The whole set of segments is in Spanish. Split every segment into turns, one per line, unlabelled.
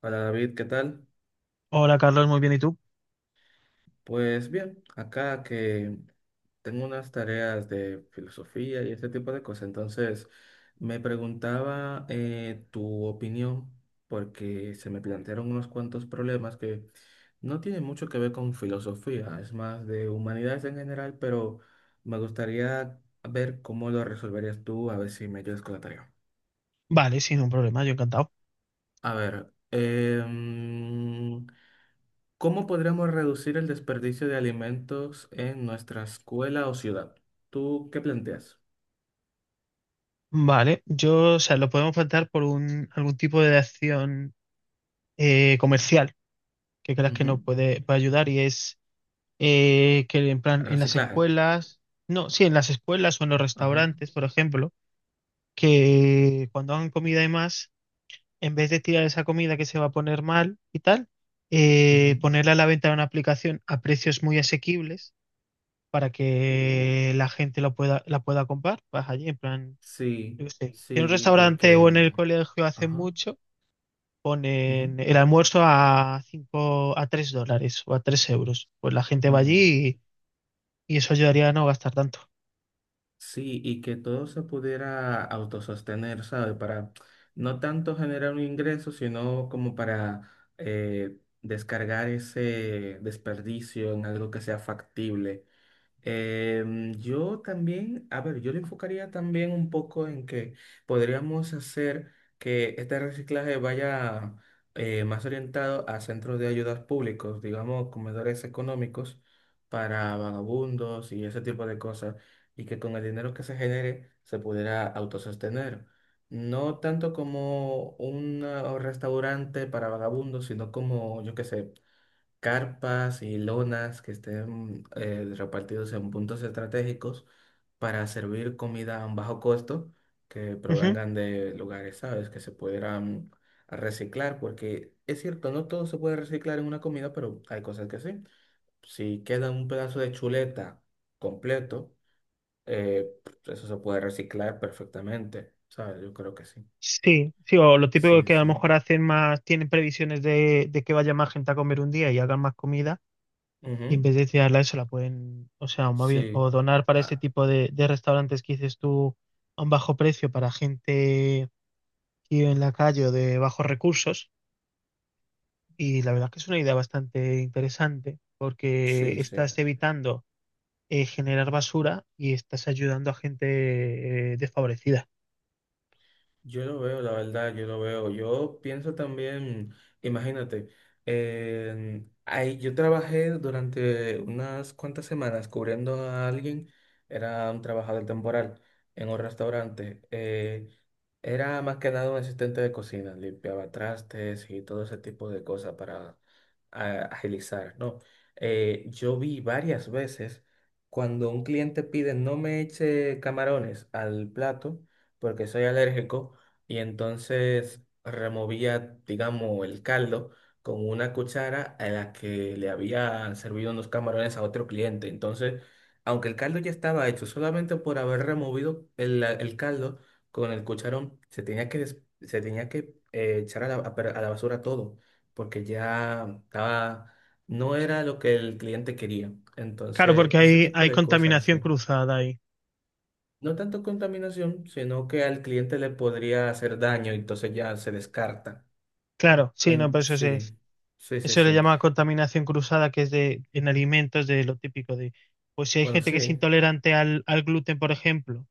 Hola David, ¿qué tal?
Hola Carlos, muy bien, ¿y tú?
Pues bien, acá que tengo unas tareas de filosofía y ese tipo de cosas, entonces me preguntaba tu opinión porque se me plantearon unos cuantos problemas que no tienen mucho que ver con filosofía, es más de humanidades en general, pero me gustaría ver cómo lo resolverías tú, a ver si me ayudas con la tarea.
Vale, sin un problema, yo encantado.
A ver, ¿cómo podríamos reducir el desperdicio de alimentos en nuestra escuela o ciudad? ¿Tú qué planteas?
Vale, yo, o sea, lo podemos plantear por algún tipo de acción comercial que creas que
Ujú.
nos puede ayudar y es que en plan en las
Reciclaje.
escuelas, no, sí, en las escuelas o en los
Ajá.
restaurantes, por ejemplo, que cuando hagan comida y más, en vez de tirar esa comida que se va a poner mal y tal,
Ujú.
ponerla a la venta en una aplicación a precios muy asequibles para
Uh,
que la gente lo pueda, la pueda comprar, vas allí en plan
sí,
yo qué sé, si en un
sí, y
restaurante o en
que...
el colegio hace
Ajá.
mucho,
Ujú,
ponen el almuerzo a 5, a $3 o a 3 euros. Pues la gente va
ujú.
allí y eso ayudaría a no gastar tanto.
Sí, y que todo se pudiera autosostener, ¿sabe? Para no tanto generar un ingreso, sino como para descargar ese desperdicio en algo que sea factible. Yo también, a ver, yo lo enfocaría también un poco en que podríamos hacer que este reciclaje vaya más orientado a centros de ayudas públicos, digamos, comedores económicos para vagabundos y ese tipo de cosas, y que con el dinero que se genere se pudiera autosostener. No tanto como un restaurante para vagabundos, sino como, yo qué sé, carpas y lonas que estén repartidos en puntos estratégicos para servir comida a un bajo costo que
Ujú.
provengan de lugares, ¿sabes? Que se pudieran reciclar, porque es cierto, no todo se puede reciclar en una comida, pero hay cosas que sí. Si queda un pedazo de chuleta completo, eh, eso se puede reciclar perfectamente, ¿sabes? Yo creo que sí.
Sí, sí, o lo típico
Sí,
que a
sí.
lo mejor hacen más, tienen previsiones de que vaya más gente a comer un día y hagan más comida, y en
Ujú.
vez de tirarla eso la pueden, o sea, o más bien,
Sí.
o donar para este
Ah,
tipo de restaurantes que dices tú a un bajo precio para gente que vive en la calle o de bajos recursos. Y la verdad que es una idea bastante interesante
sí,
porque
sí.
estás evitando generar basura y estás ayudando a gente desfavorecida.
Yo lo veo, la verdad, yo lo veo. Yo pienso también, imagínate, ahí yo trabajé durante unas cuantas semanas cubriendo a alguien, era un trabajador temporal en un restaurante. Era más que nada un asistente de cocina, limpiaba trastes y todo ese tipo de cosas para agilizar, ¿no? Yo vi varias veces cuando un cliente pide no me eche camarones al plato porque soy alérgico y entonces removía, digamos, el caldo con una cuchara a la que le habían servido unos camarones a otro cliente. Entonces, aunque el caldo ya estaba hecho, solamente por haber removido el caldo, con el cucharón se tenía que, se tenía que echar a la, a la basura todo, porque ya estaba, no era lo que el cliente quería.
Claro,
Entonces,
porque
ese
hay,
tipo
hay
de cosas,
contaminación
sí.
cruzada ahí.
No tanto contaminación, sino que al cliente le podría hacer daño, y entonces ya se descarta.
Claro, sí, no, pero
Sí, sí, sí,
eso le
sí.
llama contaminación cruzada, que es de, en alimentos, de lo típico de, pues si hay
Bueno,
gente que es
sí.
intolerante al gluten, por ejemplo,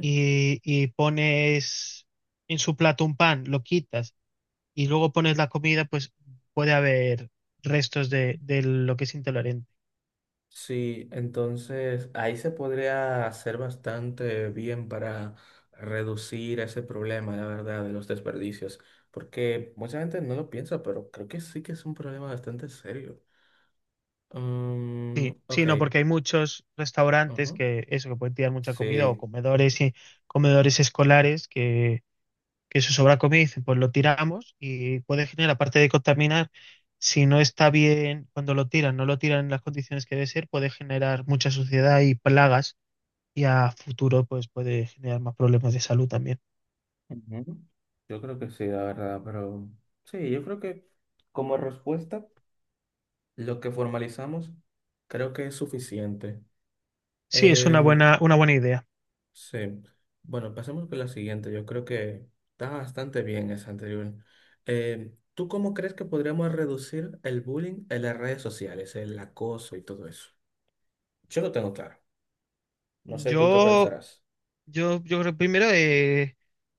y pones en su plato un pan, lo quitas y luego pones la comida, pues puede haber restos de lo que es intolerante.
Sí, entonces ahí se podría hacer bastante bien para reducir ese problema, la verdad, de los desperdicios, porque mucha gente no lo piensa, pero creo que sí que es un problema bastante serio. Mm,
Sí,
ok.
sí, no, porque hay muchos restaurantes
Ujú.
que eso, que pueden tirar mucha comida o
Sí,
comedores y comedores escolares que eso sobra comida y dicen, pues lo tiramos y puede generar, aparte de contaminar, si no está bien, cuando lo tiran, no lo tiran en las condiciones que debe ser, puede generar mucha suciedad y plagas y a futuro pues puede generar más problemas de salud también.
ujú. Yo creo que sí, la verdad, pero sí, yo creo que como respuesta, lo que formalizamos creo que es suficiente.
Sí, es una buena idea.
Sí. Bueno, pasemos con la siguiente. Yo creo que está bastante bien esa anterior. ¿Tú cómo crees que podríamos reducir el bullying en las redes sociales, el acoso y todo eso? Yo lo tengo claro. No sé tú qué
Yo
pensarás.
yo creo primero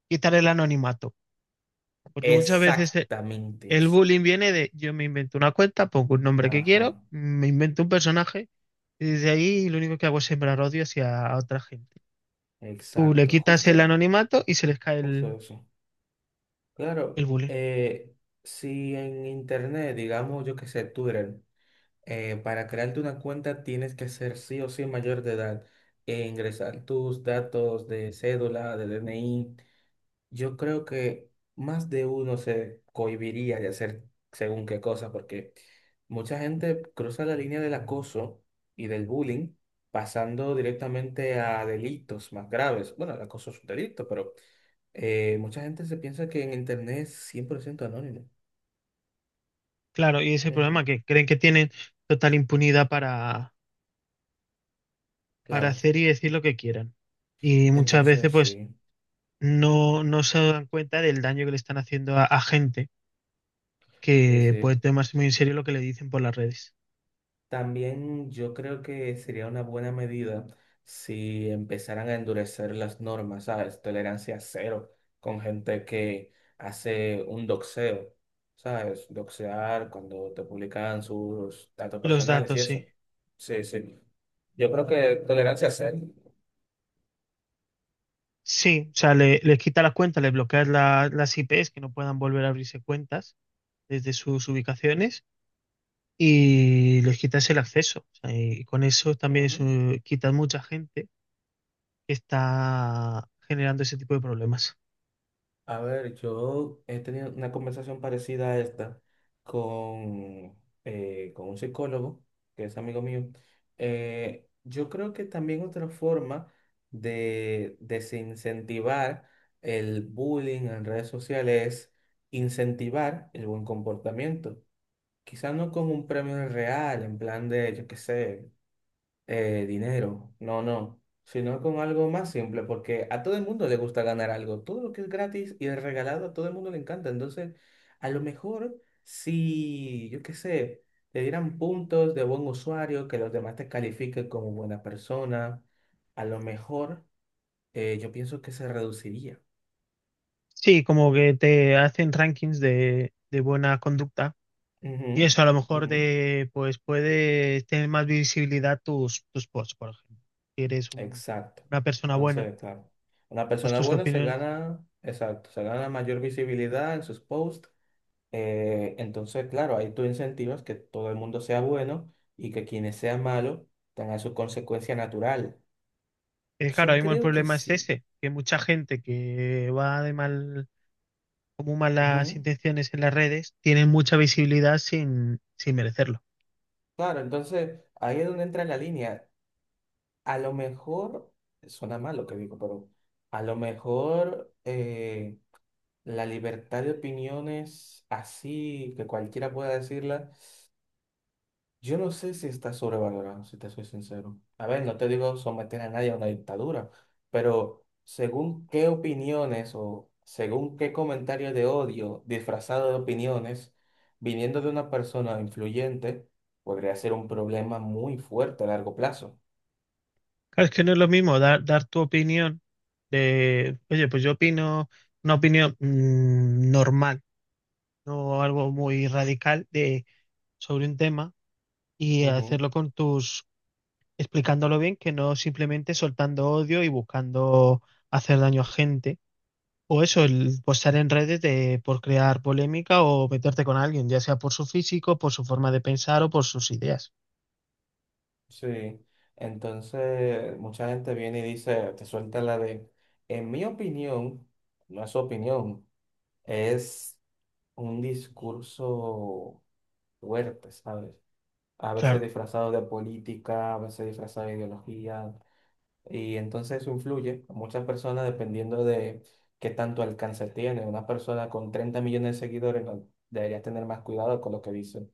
quitar el anonimato, porque muchas veces
Exactamente
el
eso.
bullying viene de yo me invento una cuenta, pongo un nombre que
Ajá,
quiero, me invento un personaje y desde ahí lo único que hago es sembrar odio hacia otra gente. Tú le
exacto.
quitas el
Justo,
anonimato y se les cae
justo
el,
eso.
el
Claro,
bullying.
si en internet, digamos, yo qué sé, Twitter. Para crearte una cuenta tienes que ser sí o sí mayor de edad e ingresar tus datos de cédula, de DNI. Yo creo que más de uno se cohibiría de hacer según qué cosa, porque mucha gente cruza la línea del acoso y del bullying pasando directamente a delitos más graves. Bueno, el acoso es un delito, pero mucha gente se piensa que en Internet es 100% anónimo.
Claro, y ese
Ujú.
problema que creen que tienen total impunidad para
Claro.
hacer y decir lo que quieran. Y muchas veces
Entonces,
pues
sí,
no se dan cuenta del daño que le están haciendo a gente,
sí,
que
sí.
puede tomarse muy en serio lo que le dicen por las redes.
También yo creo que sería una buena medida si empezaran a endurecer las normas, ¿sabes? Tolerancia cero con gente que hace un doxeo, ¿sabes? Doxear cuando te publican sus datos
Los
personales y
datos, sí.
eso. Sí, sí. Yo creo que tolerancia cero.
Sí, o sea, les quita las cuentas, les bloqueas las IPs que no puedan volver a abrirse cuentas desde sus ubicaciones y les quitas el acceso. O sea, y con eso también
Ujú.
quitas mucha gente que está generando ese tipo de problemas.
A ver, yo he tenido una conversación parecida a esta con, con un psicólogo, que es amigo mío. Yo creo que también otra forma de desincentivar el bullying en redes sociales es incentivar el buen comportamiento. Quizás no con un premio real, en plan de, yo qué sé dinero, no, no, sino con algo más simple, porque a todo el mundo le gusta ganar algo, todo lo que es gratis y es regalado, a todo el mundo le encanta, entonces a lo mejor si, yo qué sé, te dieran puntos de buen usuario, que los demás te califiquen como buena persona, a lo mejor yo pienso que se reduciría.
Sí, como que te hacen rankings de buena conducta.
Ujú,
Y eso a lo mejor
ujú.
pues puede tener más visibilidad tus posts, por ejemplo. Si eres
Exacto.
una persona buena,
Entonces, claro, una
pues
persona
tus
buena se
opiniones.
gana, exacto, se gana mayor visibilidad en sus posts. Entonces, claro, ahí tú incentivas que todo el mundo sea bueno y que quienes sean malos tengan su consecuencia natural.
Claro,
Yo
ahora mismo el
creo que
problema es
sí.
ese, que mucha gente que va de mal, como malas
Ujú.
intenciones en las redes, tiene mucha visibilidad sin merecerlo.
Claro, entonces ahí es donde entra la línea. A lo mejor, suena mal lo que digo, pero a lo mejor la libertad de opiniones así, que cualquiera pueda decirla. Yo no sé si está sobrevalorado, si te soy sincero. A ver, no te digo someter a nadie a una dictadura, pero según qué opiniones o según qué comentarios de odio disfrazado de opiniones, viniendo de una persona influyente, podría ser un problema muy fuerte a largo plazo.
Claro, es que no es lo mismo dar tu opinión de, oye, pues yo opino una opinión normal, no algo muy radical sobre un tema y
Ujú.
hacerlo con tus explicándolo bien, que no simplemente soltando odio y buscando hacer daño a gente. O eso, el postar en redes por crear polémica o meterte con alguien, ya sea por su físico, por su forma de pensar o por sus ideas.
Sí. Entonces, mucha gente viene y dice, te suelta la de, en mi opinión, no es su opinión, es un discurso fuertes, ¿sabes? A veces
Claro.
disfrazado de política, a veces disfrazado de ideología, y entonces eso influye a muchas personas dependiendo de qué tanto alcance tiene. Una persona con 30 millones de seguidores no- debería tener más cuidado con lo que dice.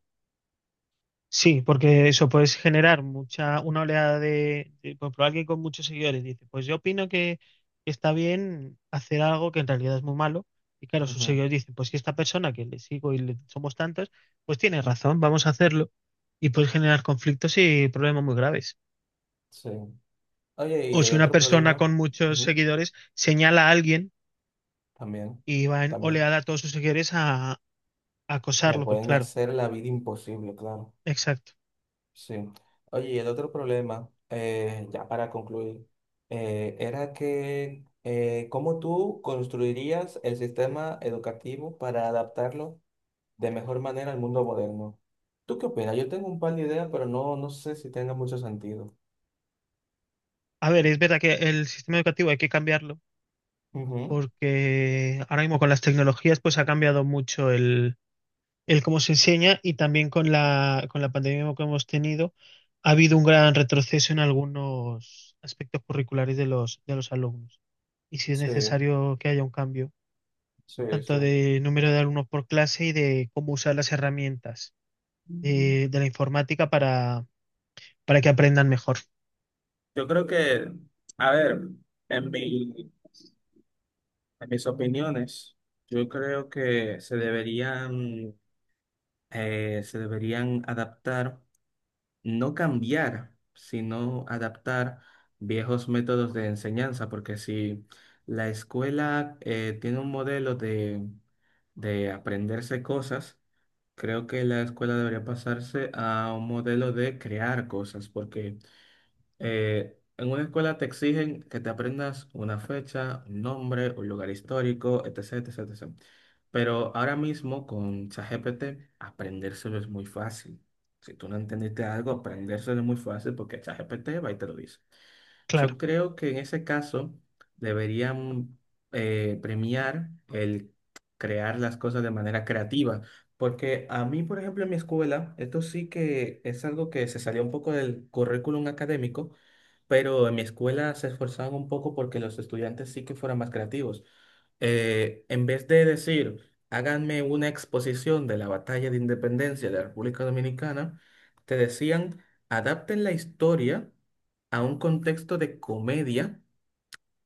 Sí, porque eso puedes generar mucha, una oleada por ejemplo, alguien con muchos seguidores dice, pues yo opino que está bien hacer algo que en realidad es muy malo. Y claro, sus
Ujú.
seguidores dicen, pues que esta persona que le sigo somos tantos, pues tiene razón, vamos a hacerlo. Y puedes generar conflictos y problemas muy graves.
Sí. Oye,
O
y el
si una
otro
persona
problema,
con muchos
ujú,
seguidores señala a alguien
también,
y va en
también,
oleada a todos sus seguidores a
lo
acosarlo, pues
pueden
claro,
hacer la vida imposible, claro.
exacto.
Sí. Oye, y el otro problema, ya para concluir, era que cómo tú construirías el sistema educativo para adaptarlo de mejor manera al mundo moderno. ¿Tú qué opinas? Yo tengo un par de ideas, pero no, no sé si tenga mucho sentido.
A ver, es verdad que el sistema educativo hay que cambiarlo
Ujú.
porque ahora mismo con las tecnologías pues ha cambiado mucho el cómo se enseña y también con con la pandemia que hemos tenido ha habido un gran retroceso en algunos aspectos curriculares de los alumnos. Y si es
Sí,
necesario que haya un cambio,
sí, sí.
tanto de número de alumnos por clase y de cómo usar las herramientas
Ujú.
de la informática para que aprendan mejor.
Yo creo que, a ver, en mi, en mis opiniones, yo creo que se deberían adaptar. No cambiar, sino adaptar viejos métodos de enseñanza, porque si la escuela tiene un modelo de aprenderse cosas, creo que la escuela debería pasarse a un modelo de crear cosas, porque en una escuela te exigen que te aprendas una fecha, un nombre, un lugar histórico, etcétera, etcétera, etcétera. Pero ahora mismo con ChatGPT, aprendérselo es muy fácil. Si tú no entendiste algo, aprendérselo es muy fácil porque ChatGPT va y te lo dice. Yo
Claro,
creo que en ese caso deberían premiar el crear las cosas de manera creativa, porque a mí, por ejemplo, en mi escuela, esto sí que es algo que se salió un poco del currículum académico, pero en mi escuela se esforzaban un poco porque los estudiantes sí que fueran más creativos. En vez de decir, háganme una exposición de la batalla de independencia de la República Dominicana, te decían, adapten la historia a un contexto de comedia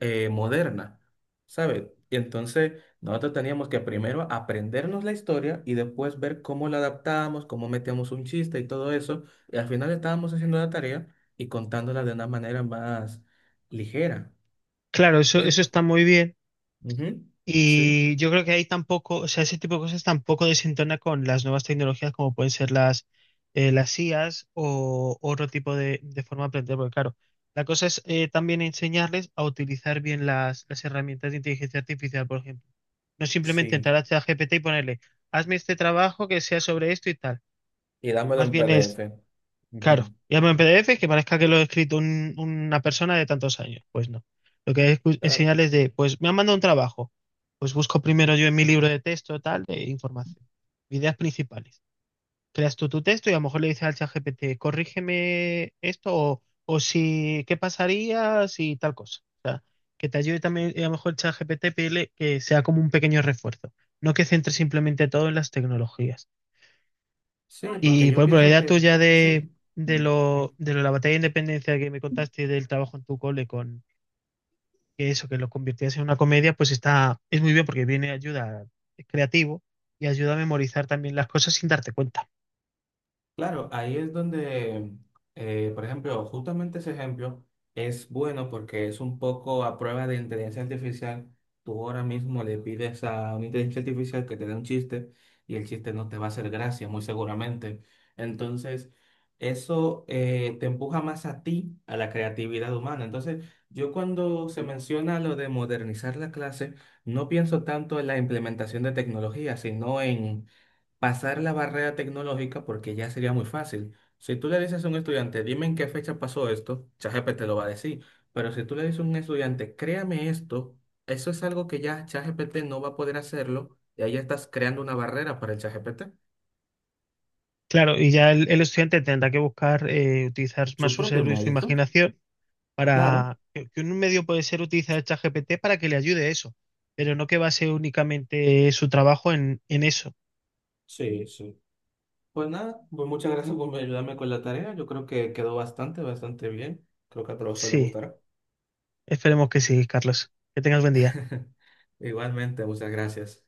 moderna, ¿sabes? Y entonces nosotros teníamos que primero aprendernos la historia y después ver cómo la adaptábamos, cómo metíamos un chiste y todo eso. Y al final estábamos haciendo la tarea y contándola de una manera más ligera.
claro, eso,
Yo,
eso está muy bien.
ujú, sí,
Y yo creo que ahí tampoco, o sea, ese tipo de cosas tampoco desentona con las nuevas tecnologías como pueden ser las IAs o otro tipo de forma de aprender, porque claro, la cosa es también enseñarles a utilizar bien las herramientas de inteligencia artificial, por ejemplo. No simplemente
sí.
entrar a ChatGPT y ponerle, hazme este trabajo que sea sobre esto y tal.
Y dámelo
Más
en
bien es.
PDF.
Claro,
Ujú.
y algo en PDF que parezca que lo ha escrito una persona de tantos años. Pues no. Lo que es
Claro.
enseñarles pues me han mandado un trabajo. Pues busco primero yo en mi libro de texto, tal, de información. Ideas principales. Creas tú tu texto y a lo mejor le dices al ChatGPT, corrígeme esto o si, ¿qué pasaría si tal cosa? O sea, que te ayude también, y a lo mejor el ChatGPT pedirle que sea como un pequeño refuerzo. No que centre simplemente todo en las tecnologías.
Sí, porque
Y
yo
por ejemplo, la
pienso
idea
que
tuya de,
sí.
de lo, de lo de la batalla de independencia que me contaste del trabajo en tu cole con que eso, que lo convirtiese en una comedia, pues está, es muy bien porque viene ayuda, es creativo y ayuda a memorizar también las cosas sin darte cuenta.
Claro, ahí es donde, por ejemplo, justamente ese ejemplo es bueno porque es un poco a prueba de inteligencia artificial. Tú ahora mismo le pides a una inteligencia artificial que te dé un chiste y el chiste no te va a hacer gracia, muy seguramente. Entonces, eso te empuja más a ti, a la creatividad humana. Entonces, yo cuando se menciona lo de modernizar la clase, no pienso tanto en la implementación de tecnología, sino en pasar la barrera tecnológica porque ya sería muy fácil. Si tú le dices a un estudiante, dime en qué fecha pasó esto, ChatGPT te lo va a decir. Pero si tú le dices a un estudiante, créame esto, eso es algo que ya ChatGPT no va a poder hacerlo y ahí ya estás creando una barrera para el ChatGPT.
Claro, y ya el estudiante tendrá que buscar utilizar más
Su
su
propio
cerebro y su
mérito,
imaginación
claro.
para que un medio puede ser utilizar el ChatGPT para que le ayude a eso, pero no que base únicamente su trabajo en eso.
Sí, sí. Pues nada, pues muchas gracias por ayudarme con la tarea. Yo creo que quedó bastante, bastante bien. Creo que al profesor le
Sí,
gustará.
esperemos que sí, Carlos. Que tengas buen día.
Igualmente, muchas gracias.